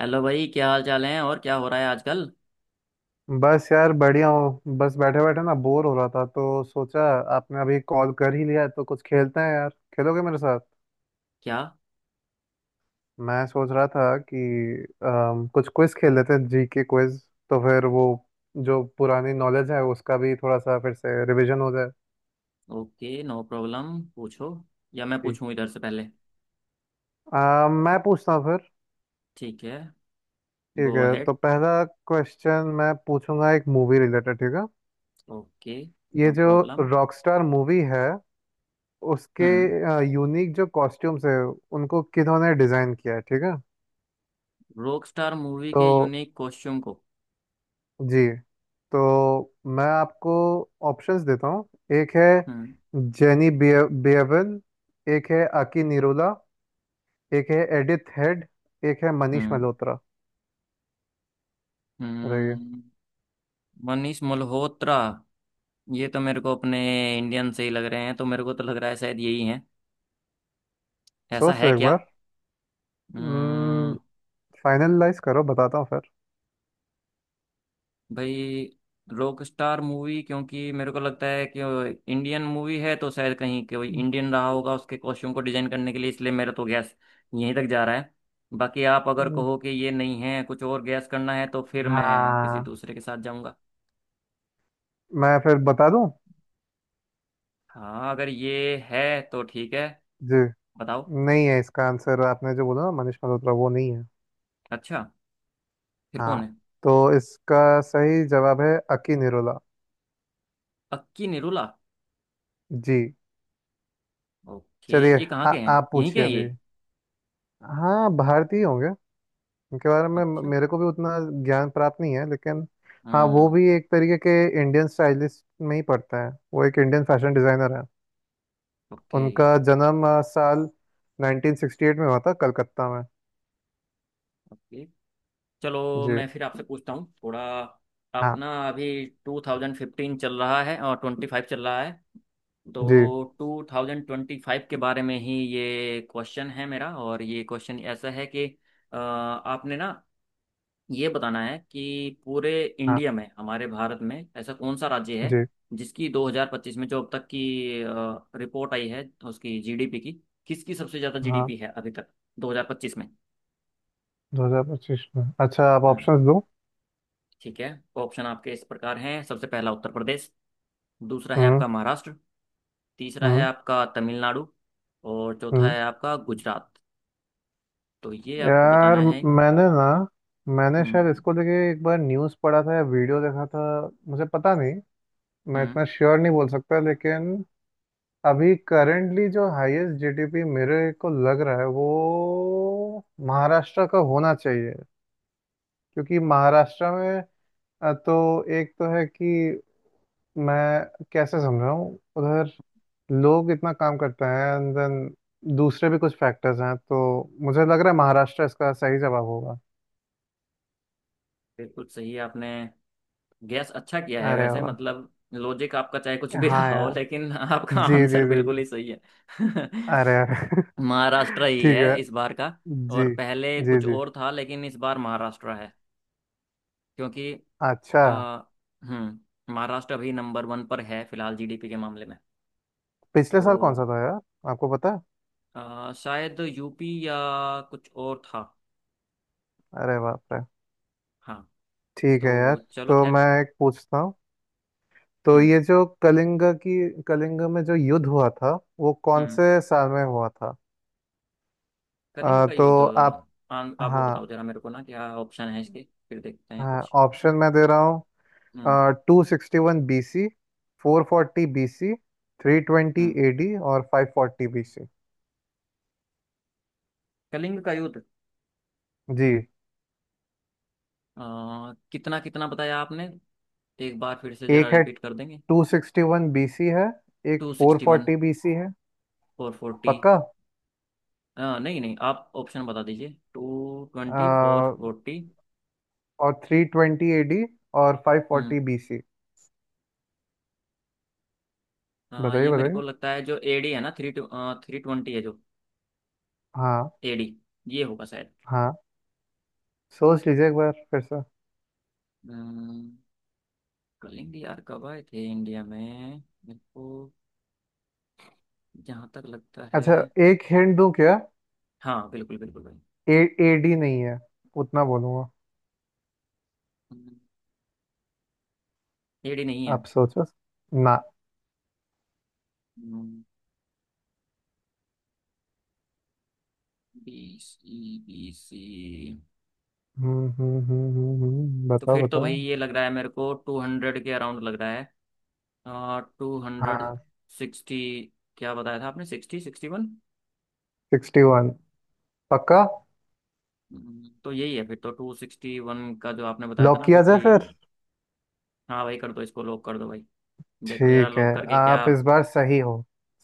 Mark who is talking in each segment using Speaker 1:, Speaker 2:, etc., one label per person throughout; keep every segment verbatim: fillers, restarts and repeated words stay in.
Speaker 1: Hello भाई, क्या हाल चाल है और क्या हो रहा है आजकल।
Speaker 2: बस यार बढ़िया हूँ। बस बैठे बैठे ना बोर हो रहा था तो सोचा आपने अभी कॉल कर ही लिया है, तो कुछ खेलते हैं यार। खेलोगे मेरे साथ?
Speaker 1: क्या।
Speaker 2: मैं सोच रहा था कि अम, कुछ क्विज खेल लेते हैं, जी के क्विज। तो फिर वो जो पुरानी नॉलेज है उसका भी थोड़ा सा फिर से रिवीजन हो जाए।
Speaker 1: ओके, नो प्रॉब्लम, पूछो। या मैं
Speaker 2: जी।
Speaker 1: पूछूं इधर से पहले।
Speaker 2: अम, मैं पूछता हूँ फिर।
Speaker 1: ठीक है।
Speaker 2: ठीक
Speaker 1: गो
Speaker 2: है,
Speaker 1: अहेड।
Speaker 2: तो पहला क्वेश्चन मैं पूछूंगा एक मूवी रिलेटेड, ठीक है।
Speaker 1: ओके।
Speaker 2: ये
Speaker 1: नो
Speaker 2: जो
Speaker 1: प्रॉब्लम।
Speaker 2: रॉकस्टार मूवी है उसके
Speaker 1: हम्म।
Speaker 2: यूनिक जो कॉस्ट्यूम्स है उनको किन्होंने डिजाइन किया है, ठीक है।
Speaker 1: रॉकस्टार मूवी
Speaker 2: तो
Speaker 1: के यूनिक कॉस्ट्यूम को।
Speaker 2: जी, तो मैं आपको ऑप्शंस देता हूँ। एक है
Speaker 1: हम्म।
Speaker 2: जेनी बिए- बिएवन। एक है आकी निरोला। एक है एडिथ हेड। एक है मनीष
Speaker 1: हम्म।
Speaker 2: मल्होत्रा। रहिए।
Speaker 1: हम्म। मनीष मल्होत्रा, ये तो मेरे को अपने इंडियन से ही लग रहे हैं तो मेरे को तो लग रहा है शायद यही है। ऐसा
Speaker 2: सोच
Speaker 1: है
Speaker 2: लो एक
Speaker 1: क्या।
Speaker 2: बार।
Speaker 1: हम्म।
Speaker 2: फाइनलाइज करो, बताता हूँ फिर।
Speaker 1: भाई, रॉकस्टार मूवी, क्योंकि मेरे को लगता है कि इंडियन मूवी है तो शायद कहीं कोई इंडियन रहा होगा उसके कॉस्ट्यूम को डिजाइन करने के लिए, इसलिए मेरा तो गैस यहीं तक जा रहा है। बाकी आप अगर
Speaker 2: हम्म,
Speaker 1: कहो कि ये नहीं है, कुछ और गैस करना है तो फिर मैं किसी
Speaker 2: हाँ।
Speaker 1: दूसरे के साथ जाऊंगा।
Speaker 2: मैं फिर बता दूं।
Speaker 1: हाँ अगर ये है तो ठीक है।
Speaker 2: जी।
Speaker 1: बताओ।
Speaker 2: नहीं है। इसका आंसर आपने जो बोला ना मनीष मल्होत्रा, वो नहीं है।
Speaker 1: अच्छा, फिर
Speaker 2: हाँ,
Speaker 1: कौन है।
Speaker 2: तो इसका सही जवाब है अकी निरोला।
Speaker 1: अक्की निरुला।
Speaker 2: जी।
Speaker 1: ओके।
Speaker 2: चलिए।
Speaker 1: ये कहाँ
Speaker 2: आ-
Speaker 1: के हैं,
Speaker 2: आप
Speaker 1: यहीं के
Speaker 2: पूछिए
Speaker 1: हैं ये।
Speaker 2: अभी। हाँ, भारतीय होंगे। उनके बारे में म-
Speaker 1: अच्छा।
Speaker 2: मेरे को भी उतना ज्ञान प्राप्त नहीं है, लेकिन हाँ वो
Speaker 1: हम्म।
Speaker 2: भी एक तरीके के इंडियन स्टाइलिस्ट में ही पड़ता है। वो एक इंडियन फैशन डिजाइनर है।
Speaker 1: ओके।
Speaker 2: उनका जन्म अ, साल नाइन्टीन सिक्सटी एट में हुआ था कलकत्ता में।
Speaker 1: ओके, चलो
Speaker 2: जी।
Speaker 1: मैं फिर आपसे पूछता हूँ थोड़ा। आप
Speaker 2: हाँ
Speaker 1: ना अभी टू थाउजेंड फिफ्टीन चल रहा है और ट्वेंटी फाइव चल रहा है।
Speaker 2: जी
Speaker 1: तो टू थाउजेंड ट्वेंटी फाइव के बारे में ही ये क्वेश्चन है मेरा, और ये क्वेश्चन ऐसा है कि अ, आपने ना ये बताना है कि पूरे
Speaker 2: हाँ
Speaker 1: इंडिया में, हमारे भारत में ऐसा कौन सा राज्य है
Speaker 2: जी
Speaker 1: जिसकी दो हज़ार पच्चीस में जो अब तक की रिपोर्ट आई है उसकी जीडीपी की, किसकी सबसे ज़्यादा
Speaker 2: हाँ।
Speaker 1: जीडीपी है अभी तक दो हज़ार पच्चीस में।
Speaker 2: दो हज़ार पच्चीस में अच्छा, आप
Speaker 1: हम्म।
Speaker 2: ऑप्शंस दो।
Speaker 1: ठीक है। ऑप्शन आपके इस प्रकार हैं। सबसे पहला, उत्तर प्रदेश। दूसरा है
Speaker 2: हम्म
Speaker 1: आपका महाराष्ट्र। तीसरा है
Speaker 2: हम्म
Speaker 1: आपका तमिलनाडु। और चौथा
Speaker 2: हम्म।
Speaker 1: है आपका गुजरात। तो ये आपको
Speaker 2: यार,
Speaker 1: बताना है।
Speaker 2: मैंने ना मैंने शायद
Speaker 1: हम्म।
Speaker 2: इसको लेके एक बार न्यूज़ पढ़ा था या वीडियो देखा था। मुझे पता नहीं। मैं
Speaker 1: हम्म।
Speaker 2: इतना श्योर नहीं बोल सकता, लेकिन अभी करंटली जो हाईएस्ट जीडीपी मेरे को लग रहा है वो महाराष्ट्र का होना चाहिए। क्योंकि महाराष्ट्र में अ, तो एक तो है कि मैं कैसे समझाऊं, उधर लोग इतना काम करते हैं एंड देन दूसरे भी कुछ फैक्टर्स हैं। तो मुझे लग रहा है महाराष्ट्र इसका सही जवाब होगा।
Speaker 1: बिल्कुल सही आपने गैस अच्छा किया है,
Speaker 2: अरे
Speaker 1: वैसे
Speaker 2: वाह।
Speaker 1: मतलब लॉजिक आपका चाहे कुछ भी
Speaker 2: हाँ
Speaker 1: रहा हो
Speaker 2: यार।
Speaker 1: लेकिन आपका
Speaker 2: जी
Speaker 1: आंसर
Speaker 2: जी जी
Speaker 1: बिल्कुल
Speaker 2: जी।
Speaker 1: ही सही है।
Speaker 2: अरे अरे।
Speaker 1: महाराष्ट्र ही
Speaker 2: ठीक
Speaker 1: है
Speaker 2: है।
Speaker 1: इस बार का। और
Speaker 2: जी
Speaker 1: पहले
Speaker 2: जी
Speaker 1: कुछ
Speaker 2: जी।
Speaker 1: और था लेकिन इस बार महाराष्ट्र है, क्योंकि
Speaker 2: अच्छा,
Speaker 1: अ, हम्म महाराष्ट्र अभी नंबर वन पर है फिलहाल जीडीपी के मामले में। तो
Speaker 2: पिछले साल कौन सा था यार? आपको पता है?
Speaker 1: अ, शायद यूपी या कुछ और था।
Speaker 2: अरे बाप रे।
Speaker 1: हाँ।
Speaker 2: ठीक है यार।
Speaker 1: तो चलो
Speaker 2: तो
Speaker 1: खैर।
Speaker 2: मैं एक पूछता हूँ। तो ये
Speaker 1: हम्म।
Speaker 2: जो कलिंगा की कलिंगा में जो युद्ध हुआ था वो कौन
Speaker 1: हम्म।
Speaker 2: से साल में हुआ था?
Speaker 1: करेंगे
Speaker 2: अ,
Speaker 1: का युद्ध।
Speaker 2: तो आप।
Speaker 1: आन- आप वो बताओ
Speaker 2: हाँ
Speaker 1: जरा मेरे को ना, क्या ऑप्शन है इसके। फिर देखते हैं
Speaker 2: हाँ,
Speaker 1: कुछ।
Speaker 2: ऑप्शन मैं दे रहा हूँ।
Speaker 1: Hmm.
Speaker 2: Two sixty one B C. Four forty B C. Three twenty
Speaker 1: hmm.
Speaker 2: A D और five forty B C.
Speaker 1: Kalinga का युद्ध।
Speaker 2: जी।
Speaker 1: अ, कितना कितना बताया आपने? एक बार फिर से जरा
Speaker 2: एक है,
Speaker 1: रिपीट कर देंगे।
Speaker 2: Two sixty one B C है। एक
Speaker 1: two
Speaker 2: four
Speaker 1: sixty one
Speaker 2: forty B C है।
Speaker 1: Four forty.
Speaker 2: पक्का।
Speaker 1: नहीं नहीं, आप ऑप्शन बता दीजिए। Two twenty, four forty.
Speaker 2: और थ्री ट्वेंटी एडी और फाइव फोर्टी बीसी।
Speaker 1: आ,
Speaker 2: बताइए
Speaker 1: ये मेरे
Speaker 2: बताइए।
Speaker 1: को लगता है जो एडी है ना, थ्री टू थ्री ट्वेंटी है जो
Speaker 2: हाँ
Speaker 1: एडी, ये होगा शायद।
Speaker 2: हाँ, सोच लीजिए एक बार फिर से।
Speaker 1: अम्म, कलिंग यार कब आए थे इंडिया में? मेरे को जहाँ तक लगता है।
Speaker 2: अच्छा, एक हिंट दूं क्या?
Speaker 1: हाँ बिल्कुल बिल्कुल भाई।
Speaker 2: ए, एडी नहीं है। उतना बोलूंगा।
Speaker 1: एडी नहीं है।
Speaker 2: आप सोचो ना।
Speaker 1: B C, B C.
Speaker 2: हम्म हम्म हम्म हम्म हम्म,
Speaker 1: तो
Speaker 2: बताओ
Speaker 1: फिर तो भाई
Speaker 2: बताओ।
Speaker 1: ये लग रहा है मेरे को, टू हंड्रेड के अराउंड लग रहा है। आ, टू हंड्रेड
Speaker 2: हाँ,
Speaker 1: सिक्सटी क्या बताया था आपने, sixty, sixty one.
Speaker 2: Sixty one. पक्का।
Speaker 1: तो यही है। फिर तो टू सिक्सटी वन का जो आपने बताया था
Speaker 2: लॉक
Speaker 1: ना, फिर
Speaker 2: किया
Speaker 1: तो
Speaker 2: जाए
Speaker 1: यही
Speaker 2: फिर?
Speaker 1: होगा। हाँ भाई, कर दो इसको, लॉक कर दो भाई। देखो जरा
Speaker 2: ठीक है।
Speaker 1: लॉक करके
Speaker 2: आप
Speaker 1: क्या।
Speaker 2: इस बार सही हो।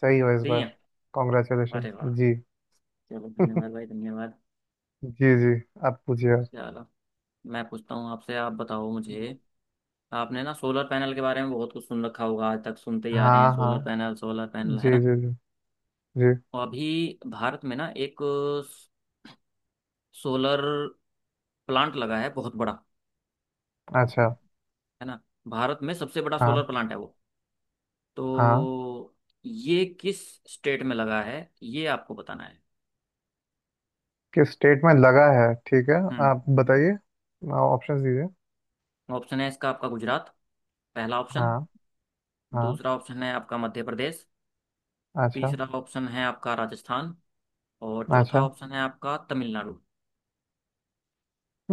Speaker 2: सही हो इस
Speaker 1: सही
Speaker 2: बार।
Speaker 1: है।
Speaker 2: कॉन्ग्रेचुलेशन।
Speaker 1: अरे वाह।
Speaker 2: जी।
Speaker 1: चलो धन्यवाद भाई, धन्यवाद।
Speaker 2: जी जी। आप पूछिए।
Speaker 1: चलो, मैं पूछता हूँ आपसे, आप बताओ मुझे। आपने ना सोलर पैनल के बारे में बहुत कुछ सुन रखा होगा, आज तक सुनते ही आ रहे हैं
Speaker 2: हाँ
Speaker 1: सोलर
Speaker 2: हाँ।
Speaker 1: पैनल, सोलर पैनल, है
Speaker 2: जी
Speaker 1: ना।
Speaker 2: जी जी जी।
Speaker 1: और अभी भारत में ना एक सोलर प्लांट लगा है बहुत बड़ा।
Speaker 2: अच्छा।
Speaker 1: है ना। भारत में सबसे बड़ा सोलर
Speaker 2: हाँ
Speaker 1: प्लांट है वो।
Speaker 2: हाँ।
Speaker 1: तो ये किस स्टेट में लगा है, ये आपको बताना है।
Speaker 2: किस स्टेट में लगा है, ठीक है। आप
Speaker 1: हम्म।
Speaker 2: बताइए। ऑप्शंस दीजिए।
Speaker 1: ऑप्शन है इसका। आपका गुजरात, पहला ऑप्शन।
Speaker 2: हाँ हाँ।
Speaker 1: दूसरा ऑप्शन है आपका मध्य प्रदेश।
Speaker 2: अच्छा।
Speaker 1: तीसरा ऑप्शन है आपका राजस्थान। और चौथा
Speaker 2: अच्छा।
Speaker 1: ऑप्शन है आपका तमिलनाडु।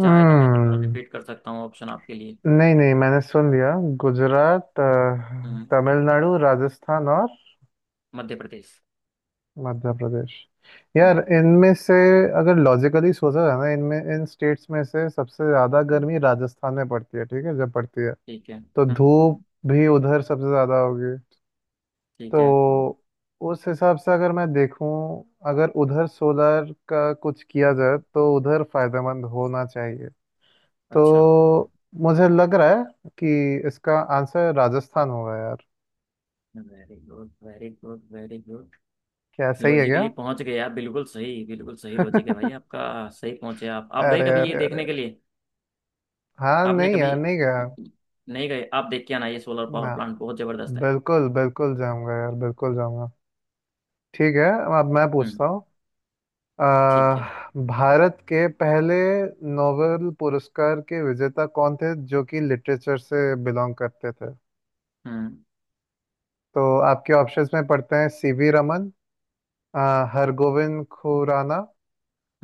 Speaker 1: चाहे तो मैं दोबारा रिपीट कर सकता हूँ ऑप्शन आपके लिए।
Speaker 2: नहीं नहीं, मैंने सुन लिया। गुजरात,
Speaker 1: हम्म,
Speaker 2: अ, तमिलनाडु, राजस्थान और
Speaker 1: मध्य प्रदेश।
Speaker 2: मध्य प्रदेश। यार,
Speaker 1: हम्म,
Speaker 2: इनमें से अगर लॉजिकली सोचा जाए ना इनमें इन स्टेट्स में से सबसे ज़्यादा गर्मी राजस्थान में पड़ती है, ठीक है जब पड़ती है।
Speaker 1: ठीक है।
Speaker 2: तो धूप
Speaker 1: हम्म,
Speaker 2: भी उधर सबसे ज़्यादा होगी।
Speaker 1: ठीक है।
Speaker 2: तो उस हिसाब से अगर मैं देखूं, अगर उधर सोलर का कुछ किया जाए तो उधर फायदेमंद होना चाहिए।
Speaker 1: अच्छा।
Speaker 2: तो मुझे लग रहा है कि इसका आंसर राजस्थान होगा यार।
Speaker 1: Very good, very good, very good.
Speaker 2: क्या सही है
Speaker 1: लॉजिकली
Speaker 2: क्या?
Speaker 1: पहुंच गए आप, बिल्कुल सही, बिल्कुल सही लॉजिक है भाई
Speaker 2: अरे
Speaker 1: आपका। सही पहुंचे आप आप गए
Speaker 2: अरे
Speaker 1: कभी ये देखने
Speaker 2: अरे।
Speaker 1: के लिए।
Speaker 2: हाँ
Speaker 1: आपने
Speaker 2: नहीं
Speaker 1: कभी
Speaker 2: यार, नहीं गया
Speaker 1: नहीं गए आप, देख के आना, ये सोलर पावर
Speaker 2: ना।
Speaker 1: प्लांट बहुत जबरदस्त है।
Speaker 2: बिल्कुल बिल्कुल जाऊंगा यार। बिल्कुल जाऊंगा। ठीक है। अब मैं
Speaker 1: हम्म।
Speaker 2: पूछता हूँ।
Speaker 1: ठीक है।
Speaker 2: अह, भारत के पहले नोबेल पुरस्कार के विजेता कौन थे जो कि लिटरेचर से बिलोंग करते थे?
Speaker 1: हम्म।
Speaker 2: तो आपके ऑप्शंस में पढ़ते हैं सीवी रमन, अह, हरगोविंद खुराना,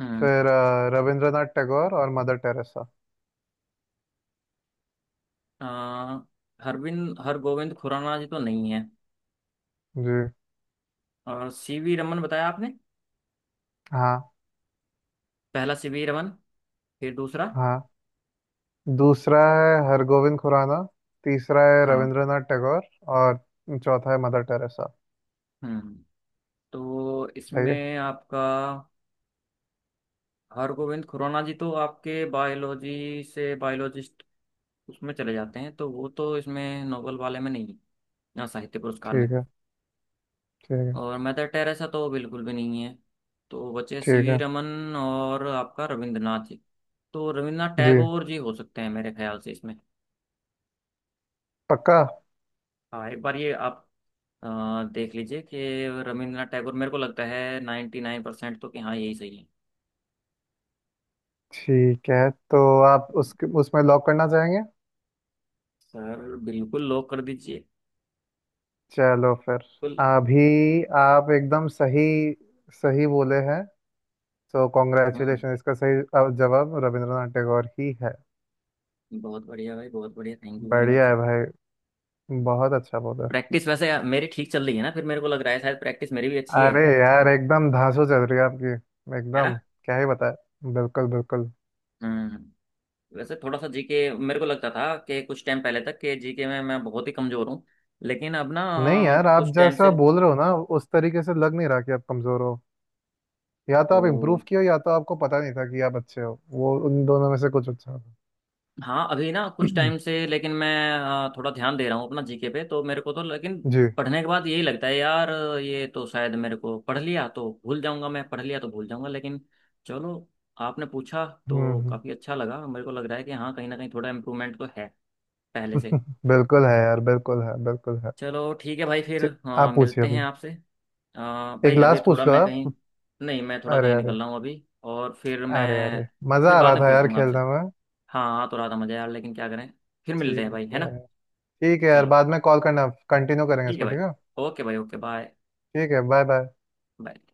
Speaker 1: हम्म।
Speaker 2: फिर अह, रविंद्रनाथ टैगोर और मदर टेरेसा।
Speaker 1: आ, हरविंद हरगोविंद खुराना जी तो नहीं है।
Speaker 2: जी।
Speaker 1: और सी वी रमन बताया आपने।
Speaker 2: हाँ।
Speaker 1: पहला सी वी रमन, फिर दूसरा।
Speaker 2: हाँ, दूसरा है हरगोविंद खुराना। तीसरा है
Speaker 1: हाँ।
Speaker 2: रविंद्रनाथ टैगोर। और चौथा है मदर टेरेसा।
Speaker 1: हम्म। तो
Speaker 2: सही है।
Speaker 1: इसमें आपका हरगोविंद खुराना जी तो आपके बायोलॉजी से, बायोलॉजिस्ट उसमें चले जाते हैं तो वो तो इसमें नोबेल वाले में नहीं है, ना साहित्य पुरस्कार में।
Speaker 2: ठीक है। ठीक है।
Speaker 1: और मदर टेरेसा तो बिल्कुल भी नहीं है। तो बचे सी
Speaker 2: ठीक
Speaker 1: वी
Speaker 2: है।
Speaker 1: रमन और आपका रविंद्रनाथ जी। तो रविंद्रनाथ
Speaker 2: जी,
Speaker 1: टैगोर जी हो सकते हैं मेरे ख्याल से इसमें।
Speaker 2: पक्का।
Speaker 1: हाँ, एक बार ये आप अ, देख लीजिए कि रविंद्रनाथ टैगोर, मेरे को लगता है नाइन्टी नाइन परसेंट तो कि हाँ यही सही है।
Speaker 2: ठीक है, तो आप उस उसमें लॉक करना चाहेंगे?
Speaker 1: सर, बिल्कुल लॉक कर दीजिए।
Speaker 2: चलो फिर।
Speaker 1: बिल्कुल।
Speaker 2: अभी आप एकदम सही सही बोले हैं। तो
Speaker 1: हम्म।
Speaker 2: कॉन्ग्रेचुलेशन, इसका सही अ, जवाब रविंद्रनाथ टैगोर ही है।
Speaker 1: बहुत बढ़िया भाई, बहुत बढ़िया, थैंक यू वेरी
Speaker 2: बढ़िया
Speaker 1: मच।
Speaker 2: है भाई। बहुत अच्छा बोले।
Speaker 1: प्रैक्टिस वैसे मेरी ठीक चल रही है ना? फिर मेरे को लग रहा है शायद प्रैक्टिस मेरी भी अच्छी है।
Speaker 2: अरे यार, एकदम धांसू चल रही है आपकी।
Speaker 1: है
Speaker 2: एकदम।
Speaker 1: ना।
Speaker 2: क्या ही बताए। बिल्कुल बिल्कुल।
Speaker 1: हम्म। वैसे थोड़ा सा जीके, मेरे को लगता था कि कुछ टाइम पहले तक कि जीके में मैं बहुत ही कमजोर हूँ। लेकिन अब ना
Speaker 2: नहीं यार, आप
Speaker 1: कुछ टाइम
Speaker 2: जैसा
Speaker 1: से,
Speaker 2: बोल रहे हो ना उस तरीके से लग नहीं रहा कि आप कमजोर हो। या तो
Speaker 1: तो
Speaker 2: आप इम्प्रूव किए हो या तो आपको पता नहीं था कि आप अच्छे हो, वो उन दोनों में से कुछ अच्छा होगा।
Speaker 1: हाँ अभी ना कुछ टाइम से, लेकिन मैं अ, थोड़ा ध्यान दे रहा हूँ अपना जीके पे। तो मेरे को तो, लेकिन
Speaker 2: जी।
Speaker 1: पढ़ने के बाद यही लगता है यार, ये तो शायद मेरे को, पढ़ लिया तो भूल जाऊंगा, मैं पढ़ लिया तो भूल जाऊंगा, लेकिन चलो आपने पूछा
Speaker 2: हम्म
Speaker 1: तो
Speaker 2: हम्म,
Speaker 1: काफ़ी अच्छा लगा। मेरे को लग रहा है कि हाँ कहीं ना कहीं थोड़ा इम्प्रूवमेंट तो है पहले से।
Speaker 2: बिल्कुल है यार। बिल्कुल है। बिल्कुल है।
Speaker 1: चलो ठीक है भाई, फिर
Speaker 2: च-
Speaker 1: अ,
Speaker 2: आप पूछिए
Speaker 1: मिलते
Speaker 2: अभी।
Speaker 1: हैं आपसे। अ,
Speaker 2: एक
Speaker 1: भाई अभी
Speaker 2: लास्ट
Speaker 1: थोड़ा
Speaker 2: पूछ लो
Speaker 1: मैं कहीं।
Speaker 2: आप।
Speaker 1: नहीं मैं थोड़ा
Speaker 2: अरे
Speaker 1: कहीं
Speaker 2: अरे।
Speaker 1: निकल रहा हूँ अभी, और फिर
Speaker 2: अरे अरे।
Speaker 1: मैं
Speaker 2: मजा
Speaker 1: फिर
Speaker 2: आ
Speaker 1: बाद
Speaker 2: रहा
Speaker 1: में
Speaker 2: था
Speaker 1: पूछ
Speaker 2: यार
Speaker 1: लूंगा आपसे।
Speaker 2: खेलने में।
Speaker 1: हाँ हाँ तो रात मजा यार, लेकिन क्या करें। फिर मिलते हैं
Speaker 2: ठीक
Speaker 1: भाई, है
Speaker 2: है।
Speaker 1: ना।
Speaker 2: ठीक है यार,
Speaker 1: चलो
Speaker 2: बाद में कॉल करना, कंटिन्यू करेंगे
Speaker 1: ठीक है
Speaker 2: इसको,
Speaker 1: भाई।
Speaker 2: ठीक है।
Speaker 1: ओके भाई, ओके बाय।
Speaker 2: ठीक है, बाय बाय।
Speaker 1: बाय।